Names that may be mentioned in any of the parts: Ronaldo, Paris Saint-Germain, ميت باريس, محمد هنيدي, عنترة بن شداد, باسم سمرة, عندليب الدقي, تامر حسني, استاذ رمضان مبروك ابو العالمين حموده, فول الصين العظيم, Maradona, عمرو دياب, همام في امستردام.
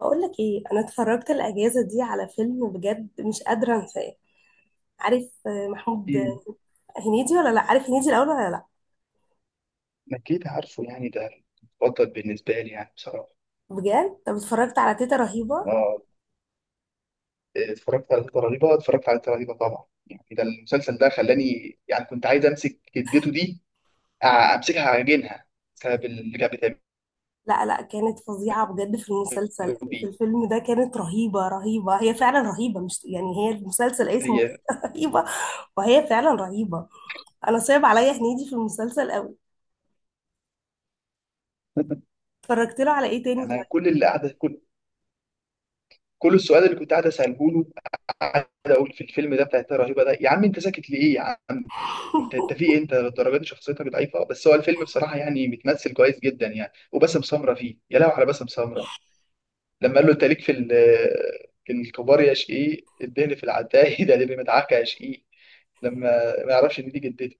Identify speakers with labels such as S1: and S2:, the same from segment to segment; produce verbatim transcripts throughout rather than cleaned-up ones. S1: بقول لك ايه، انا اتفرجت الاجازه دي على فيلم وبجد مش قادره انساه. عارف آه، محمود
S2: مم.
S1: آه، هنيدي ولا لا، عارف هنيدي الاول ولا لا؟
S2: أكيد عارفه يعني ده المفضل بالنسبة لي يعني بصراحة.
S1: بجد، طب اتفرجت على تيتا رهيبه.
S2: آه. اتفرجت على تلاتة رهيبة اتفرجت على تلاتة رهيبة طبعا، يعني ده المسلسل ده خلاني، يعني كنت عايز أمسك جدته دي، أ- أمسكها أعجنها بسبب اللي كانت بتعمله
S1: لا لا، كانت فظيعه بجد في المسلسل. في
S2: بيه.
S1: الفيلم ده كانت رهيبه رهيبه، هي فعلا رهيبه، مش يعني هي، المسلسل اسمه
S2: هي
S1: رهيبه، وهي فعلا رهيبه. انا صعب عليا هنيدي في المسلسل قوي. اتفرجت له على ايه تاني
S2: أنا
S1: طيب؟
S2: كل اللي قاعدة كل كل السؤال اللي كنت قاعد أسأله له، قاعد أقول في الفيلم ده بتاع تلاتة رهيبة ده، يا عم أنت ساكت ليه يا عم؟ انت انت في ايه، انت للدرجه دي شخصيتك ضعيفه؟ بس هو الفيلم بصراحه يعني متمثل كويس جدا يعني، وباسم سمره فيه، يا لهوي على باسم سمره لما قال له انت ليك في ال- في الكبار، يا شقيق الدهن في العتاهي ده اللي مدعكه يا شقيق لما ما يعرفش ان دي جدتي.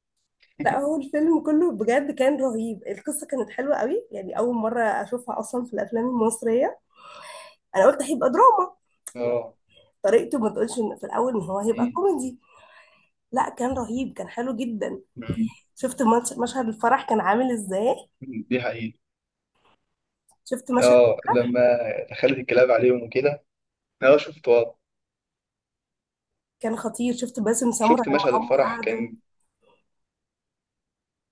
S1: لا هو الفيلم كله بجد كان رهيب، القصه كانت حلوه قوي، يعني اول مره اشوفها اصلا في الافلام المصريه. انا قلت هيبقى دراما، يعني
S2: اه.
S1: طريقته ما تقولش إن- في الاول ان هو هيبقى
S2: مم.
S1: كوميدي. لا كان رهيب، كان حلو جدا.
S2: مم.
S1: شفت مش- مشهد الفرح كان عامل ازاي؟
S2: دي حقيقة.
S1: شفت مشهد
S2: اه، لما
S1: الفرح،
S2: دخلت الكلاب عليهم وكده. اه شفت، اه،
S1: كان خطير. شفت باسم سمرة
S2: شفت
S1: لما
S2: مشهد
S1: هم
S2: الفرح،
S1: قعدوا؟
S2: كان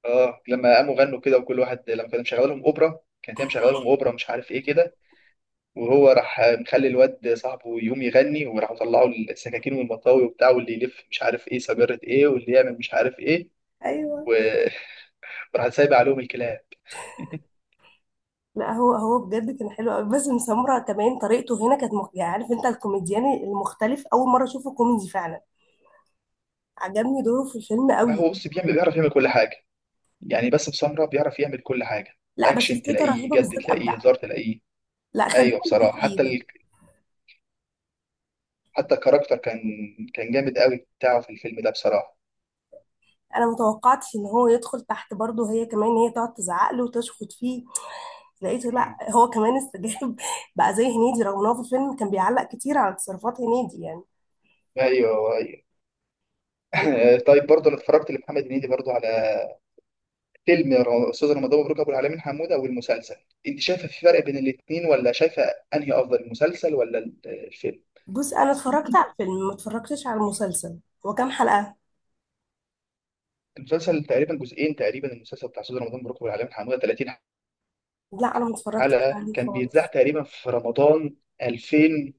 S2: اه، لما قاموا غنوا كده، وكل واحد لما كان مشغل لهم اوبرا كانت هي مشغله لهم اوبرا، مش عارف ايه كده، وهو راح مخلي الواد صاحبه يقوم يغني، وراحوا طلعوا السكاكين والمطاوي وبتاع، واللي يلف مش عارف ايه سجارة ايه، واللي يعمل مش عارف ايه
S1: ايوه.
S2: و... راح سايب عليهم الكلاب.
S1: لا هو هو بجد كان حلو قوي. باسم سمرة كمان طريقته هنا كانت مخ... يعني عارف انت الكوميديان المختلف، اول مره اشوفه كوميدي فعلا. عجبني دوره في الفيلم
S2: لا
S1: قوي.
S2: هو بص بيعمل، بيعرف يعمل كل حاجه، يعني باسم سمره بيعرف يعمل كل حاجه،
S1: لا بس
S2: اكشن
S1: فتيته
S2: تلاقيه،
S1: رهيبه،
S2: جد
S1: بالذات
S2: تلاقيه،
S1: ابدع.
S2: هزار تلاقيه.
S1: لا، خلينا
S2: ايوه بصراحه، حتى
S1: متفقين.
S2: ال... حتى الكاركتر كان كان جامد قوي بتاعه في الفيلم ده بصراحه.
S1: انا متوقعتش ان هو يدخل تحت برضه، هي كمان هي تقعد تزعق له وتشخط فيه، لقيته لا
S2: مم.
S1: هو كمان استجاب بقى زي هنيدي، رغم ان هو في الفيلم كان بيعلق كتير على تصرفات هنيدي يعني.
S2: ايوه ايوه.
S1: كان
S2: طيب برضه انا اتفرجت لمحمد هنيدي برضه على فيلم ر- استاذ رمضان مبروك ابو العالمين حموده، والمسلسل. انت شايفه في فرق بين الاثنين ولا شايفه؟ انهي افضل، المسلسل ولا ال- الفيلم؟
S1: بص، انا اتفرجت على الفيلم ما اتفرجتش على المسلسل. هو كام حلقة؟
S2: المسلسل تقريبا جزئين، تقريبا المسلسل بتاع استاذ رمضان مبروك ابو العالمين حموده 30
S1: لا انا ما اتفرجتش
S2: حلقة،
S1: عليه
S2: كان بيتذاع
S1: خالص.
S2: تقريبا في رمضان ألفين،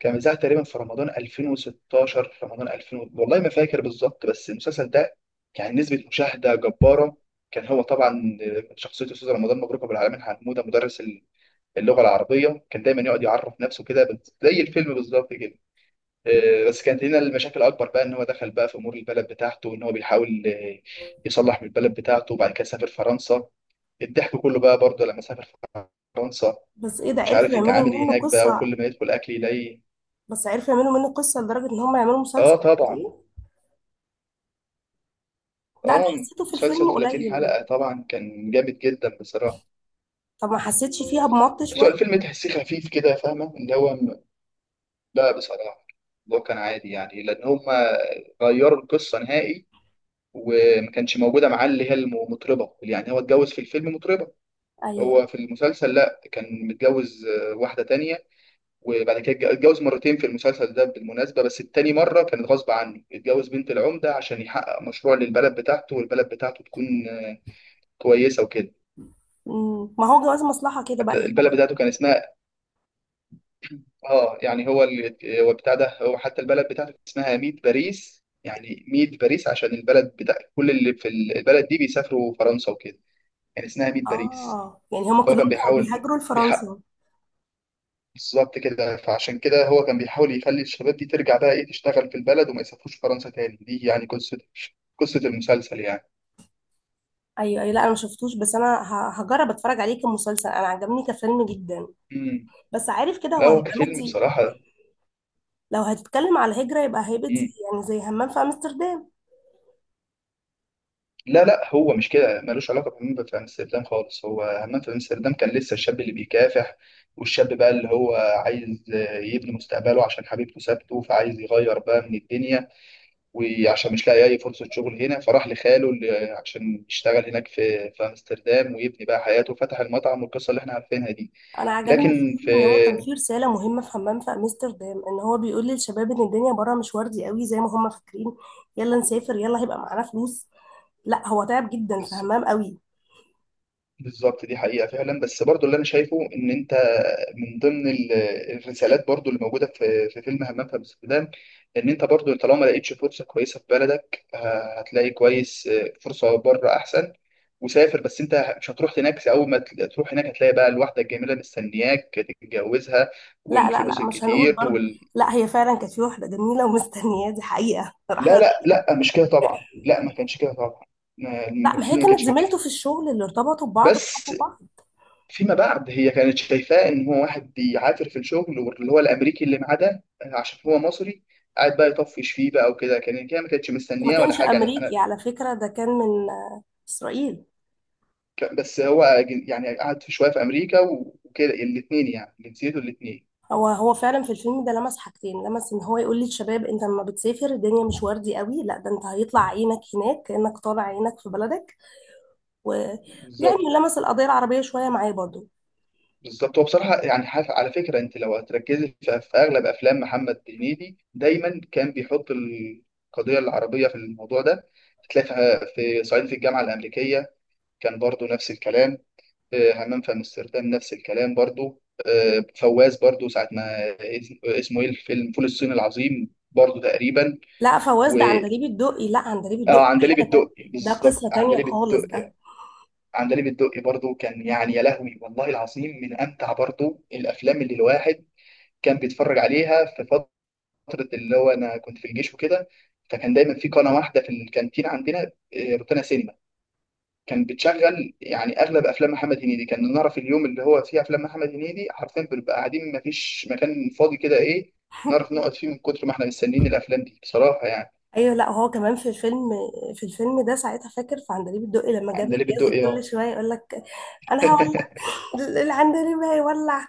S2: كان بيتذاع تقريبا في رمضان ألفين وستاشر، رمضان ألفين، والله ما فاكر بالظبط، بس المسلسل ده كان نسبة مشاهدة جبارة. كان هو طبعا شخصية أستاذ رمضان مبروك أبو العالمين حمودة مدرس اللغة العربية، كان دايما يقعد يعرف نفسه كده زي الفيلم بالظبط كده، آه، بس كانت هنا المشاكل اكبر بقى، ان هو دخل بقى في امور البلد بتاعته، وان هو بيحاول آه، يصلح من البلد بتاعته، وبعد كده سافر فرنسا. الضحك كله بقى برضه لما سافر فرنسا،
S1: بس ايه، ده
S2: مش
S1: عرفوا
S2: عارف
S1: يعملوا
S2: يتعامل
S1: منه
S2: هناك بقى،
S1: قصة؟
S2: وكل ما يدخل اكل يلاقي.
S1: بس عرفوا يعملوا منه قصة لدرجة ان هم يعملوا
S2: اه
S1: مسلسل؟
S2: طبعا.
S1: إيه؟ لا انا
S2: اه،
S1: حسيته في
S2: مسلسل
S1: الفيلم قليل
S2: 30 حلقة
S1: يعني.
S2: طبعا كان جامد جدا بصراحة.
S1: طب ما حسيتش فيها بمط
S2: بس هو
S1: شوية؟
S2: الفيلم تحسيه خفيف كده، فاهمة اللي هو م- لا بصراحة اللي هو كان عادي، يعني لأن هم غيروا القصة نهائي، وما كانش موجودة معاه اللي هي المطربة، يعني هو اتجوز في الفيلم مطربة،
S1: ايوه.
S2: هو في المسلسل لا كان متجوز آه، واحدة تانية، وبعد كده اتج- اتجوز مرتين في المسلسل ده بالمناسبة، بس التاني مرة كانت غصب عنه، اتجوز بنت العمدة عشان يحقق مشروع للبلد بتاعته، والبلد بتاعته تكون آه، كويسة وكده.
S1: مم. ما هو جواز مصلحة كده بقى
S2: حتى
S1: هنا
S2: البلد
S1: بقى.
S2: بتاعته كان اسمها، اه يعني هو اللي هو بتاع ده، هو حتى البلد بتاعته كان اسمها ميت باريس، يعني ميت باريس عشان البلد بتاع كل اللي في ال- البلد دي بيسافروا فرنسا وكده، يعني اسمها ميت باريس.
S1: اه، يعني هما
S2: هو
S1: كلهم
S2: كان
S1: كانوا
S2: بيحاول
S1: بيهاجروا
S2: بيحقق
S1: لفرنسا.
S2: بالظبط كده، فعشان كده هو كان بيحاول يخلي الشباب دي ترجع بقى ايه، تشتغل في البلد وما يسافروش فرنسا تاني، دي يعني قصة قصة المسلسل يعني.
S1: ايوه ايوه، لا انا ما شفتوش، بس انا ه- هجرب اتفرج عليه كمسلسل، انا عجبني كفيلم جدا.
S2: امم
S1: بس عارف كده
S2: لا
S1: هو
S2: هو
S1: هيبقى
S2: كفيلم
S1: مدي،
S2: بصراحة.
S1: لو هتتكلم على الهجرة يبقى هيبقى دي،
S2: امم
S1: يعني زي همام في امستردام.
S2: لا لا هو مش كده، ملوش علاقة بهمام في أمستردام خالص، هو همام في أمستردام كان لسه الشاب اللي بيكافح، والشاب بقى اللي هو عايز آه، يبني مستقبله عشان حبيبته سابته، فعايز يغير بقى من الدنيا، وعشان مش لاقي أي فرصة شغل هنا فراح لخاله، اللي- عشان يشتغل هناك في في أمستردام ويبني بقى حياته، وفتح المطعم والقصة اللي احنا عارفينها دي،
S1: انا عجبني فيه
S2: لكن في،
S1: ان هو كان فيه رسالة مهمة في همام في امستردام، ان هو بيقول للشباب ان الدنيا بره مش وردي قوي زي ما هم فاكرين، يلا نسافر يلا هيبقى معانا فلوس. لا هو تعب جدا في همام قوي.
S2: بالظبط دي حقيقة فعلا. بس برضو اللي أنا شايفه إن أنت من ضمن ال- الرسالات برضو اللي موجودة في في فيلم همام في أمستردام، إن أنت برضو طالما ما لقيتش فرصة كويسة في بلدك، ه- هتلاقي كويس آه، فرصة بره أحسن، وسافر، بس أنت مش هتروح هناك، أول ما تل- تروح هناك هتلاقي بقى الواحدة الجميلة مستنياك تتجوزها،
S1: لا لا
S2: والفلوس
S1: لا، مش هنقول
S2: الكتير
S1: برضه.
S2: وال...
S1: لا هي فعلا كانت في واحدة جميلة ومستنياه، دي حقيقة صراحة.
S2: لا لا لا مش كده طبعا، لا ما كانش كده طبعا، ما-
S1: لا ما هي
S2: الفيلم ما
S1: كانت
S2: كانش كده.
S1: زميلته في الشغل اللي ارتبطوا ببعض
S2: بس
S1: وحبوا بعض.
S2: فيما بعد هي كانت شايفاه ان هو واحد بيعافر في الشغل، واللي هو الامريكي اللي معاه ده آه، عشان هو مصري، قاعد بقى يطفش فيه بقى وكده، كان هي ما كانتش
S1: وما
S2: مستنياه ولا
S1: كانش
S2: حاجه يعني انا،
S1: امريكي على فكره، ده كان من آه، اسرائيل.
S2: ك- بس هو أجن- يعني قعد في شويه في امريكا وكده الاثنين، يعني جنسيته الاثنين.
S1: هو هو فعلا في الفيلم ده لمس حاجتين، لمس ان هو يقول للشباب انت لما بتسافر الدنيا مش وردي قوي، لا ده انت هيطلع عينك هناك كانك طالع عينك في بلدك، ويعني
S2: بالظبط،
S1: لمس القضيه العربيه شويه معاه برضو.
S2: بالظبط، هو بصراحه يعني حاف- على فكره انت لو هتركزي في في اغلب افلام محمد هنيدي دايما كان بيحط القضيه العربيه في الموضوع ده، هتلاقي في آه، في صعيدي في الجامعه الامريكيه كان برضو نفس الكلام، آه، حمام في امستردام نفس الكلام، برضو آه، فواز برضو ساعة ما اس- اسمه ايه، الفيلم فول الصين العظيم برضو تقريبا،
S1: لا فواز
S2: و
S1: ده عندليب الدقي، لا عندليب الدقي
S2: اه
S1: ده
S2: عندليب
S1: حاجه تانية،
S2: الدقي،
S1: ده
S2: بالظبط
S1: قصه تانية
S2: عندليب
S1: خالص
S2: الدقي.
S1: ده.
S2: عندليب الدقي برضو كان يعني، يا لهوي، والله العظيم من امتع برضو الافلام اللي الواحد كان بيتفرج عليها في فترة، اللي هو انا كنت في الجيش وكده، فكان دايما في قناة واحدة في الكانتين عندنا، آه، روتانا سينما، كان بتشغل يعني اغلب افلام محمد هنيدي، كان نعرف اليوم اللي هو فيه افلام محمد هنيدي، حرفيا بنبقى قاعدين ما فيش مكان فاضي كده ايه، نعرف نقعد فيه، من كتر ما احنا مستنيين الافلام دي بصراحه يعني.
S1: ايوه، لا هو كمان في الفيلم في الفيلم ده ساعتها، فاكر في عندليب الدقي لما جاب
S2: عندليب
S1: الجاز
S2: الدقي
S1: كل
S2: اهو.
S1: شويه يقول لك انا هولع، العندليب هيولع.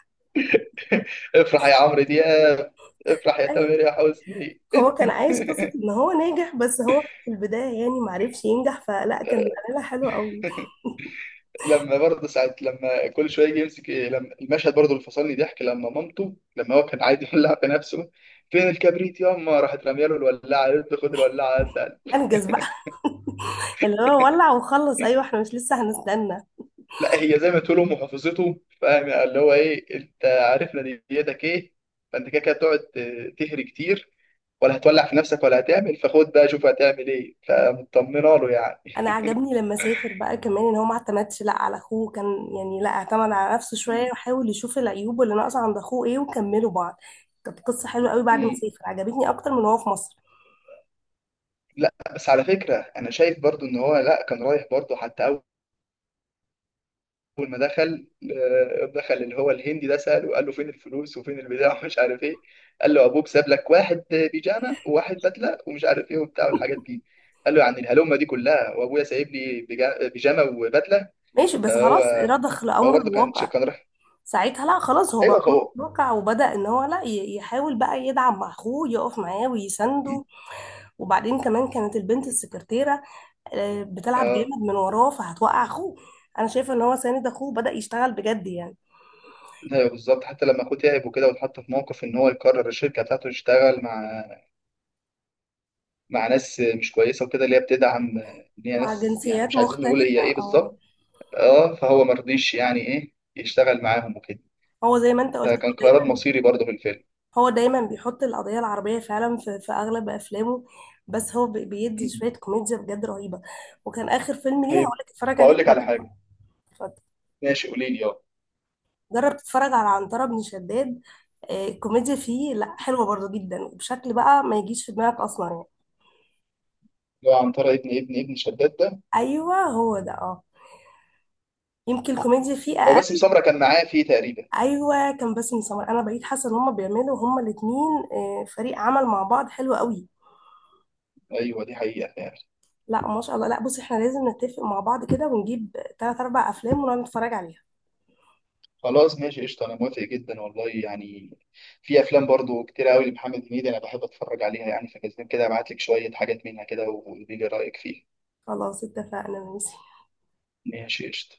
S2: افرح يا عمرو دياب، افرح يا تامر
S1: أيوة.
S2: يا حسني.
S1: هو كان عايش قصة ان هو ناجح، بس هو في البداية يعني معرفش ينجح، فلا كان عاملها حلو قوي.
S2: لما برضه ساعات لما كل شويه يجي يمسك إيه، لما المشهد برضه اللي فصلني ضحك لما مامته، لما هو كان عايز يولع في نفسه، فين الكبريت ياما راحت راميه له الولاعه، قالت له خد الولاعه.
S1: انجز بقى. اللي هو ولع وخلص، ايوه احنا مش لسه هنستنى.
S2: لا هي زي ما تقولوا محافظته، فاهم يعني، اللي هو ايه، انت عارف نيتك ايه، فانت كده كده تقعد تهري كتير، ولا هتولع في نفسك ولا هتعمل، فخد بقى شوف هتعمل ايه، فمطمنه له يعني.
S1: انا عجبني لما سافر بقى كمان ان هو ما اعتمدش لا على اخوه كان، يعني لا اعتمد على نفسه
S2: م-
S1: شوية وحاول يشوف العيوب اللي ناقصة عند اخوه ايه وكملوا بعض. كانت قصة حلوه قوي بعد ما
S2: م.
S1: سافر، عجبتني اكتر من وهو في مصر.
S2: لا بس على فكره انا شايف برضو ان هو لا، كان رايح برضو حتى اول ما دخل آه، دخل اللي هو الهندي ده ساله، قال له فين الفلوس وفين البتاع ومش عارف ايه، قال له ابوك ساب لك واحد بيجامه وواحد بدله ومش عارف ايه وبتاع والحاجات دي، قال له يعني الهلومه دي كلها وابويا سايب لي بجا- بيجامه وبدله،
S1: ماشي، بس
S2: فهو
S1: خلاص رضخ
S2: هو
S1: لأمر
S2: برضه كان
S1: الواقع.
S2: كان راح،
S1: ساعتها لا خلاص، هو بقى
S2: ايوه فهو.
S1: متوقع وبدأ ان هو لا ي- يحاول بقى يدعم مع اخوه، يقف معاه
S2: مم.
S1: ويسنده. وبعدين كمان كانت البنت السكرتيرة آه، بتلعب
S2: اه
S1: جامد من وراه فهتوقع اخوه. انا شايفة ان هو ساند اخوه، بدأ يشتغل بجد يعني.
S2: ايوه بالظبط، حتى لما اخوه تعب وكده واتحط في موقف ان هو يقرر الشركه بتاعته يشتغل مع مع ناس مش كويسه وكده، اللي هي بتدعم ان هي
S1: مع
S2: ناس يعني
S1: جنسيات
S2: مش عايزين نقول
S1: مختلفة،
S2: هي ايه
S1: اه.
S2: بالظبط، اه فهو مرضيش يعني ايه يشتغل معاهم وكده،
S1: هو زي ما انت قلت، هو
S2: فكان قرار
S1: دايما
S2: مصيري برضه في الفيلم.
S1: هو دايما بيحط القضية العربية فعلا في, في اغلب افلامه. بس هو بي- بيدي
S2: مم.
S1: شوية كوميديا بجد رهيبة. وكان اخر فيلم ليه
S2: طيب
S1: هقولك اتفرج عليه،
S2: بقول لك على حاجه. ماشي قولي لي، اه.
S1: جرب تتفرج على عنترة بن شداد. آه، الكوميديا فيه لا حلوة برضو جدا، وبشكل بقى ما يجيش في دماغك أصلا يعني.
S2: اللي هو عنترة ابن ابن ابن شداد ده،
S1: أيوة هو ده، اه. يمكن الكوميديا فيه
S2: هو باسم
S1: أقل.
S2: سمرة كان معاه فيه تقريبا.
S1: أيوة، كان باسم سمر. أنا بقيت حاسة إن هما بيعملوا، هما الاتنين آه، فريق عمل مع بعض حلو قوي.
S2: ايوه، دي حقيقه فعلا.
S1: لا ما شاء الله. لا بصي، احنا لازم نتفق مع بعض كده ونجيب تلات أربع أفلام ونقعد نتفرج عليها.
S2: خلاص ماشي قشطه، انا موافق جدا والله يعني، في افلام برضه كتير قوي لمحمد هنيدي انا بحب اتفرج عليها يعني، فكده كده ابعت لك شويه حاجات منها كده وقولي لي رايك فيها.
S1: خلاص اتفقنا، ماشي.
S2: ماشي قشطه.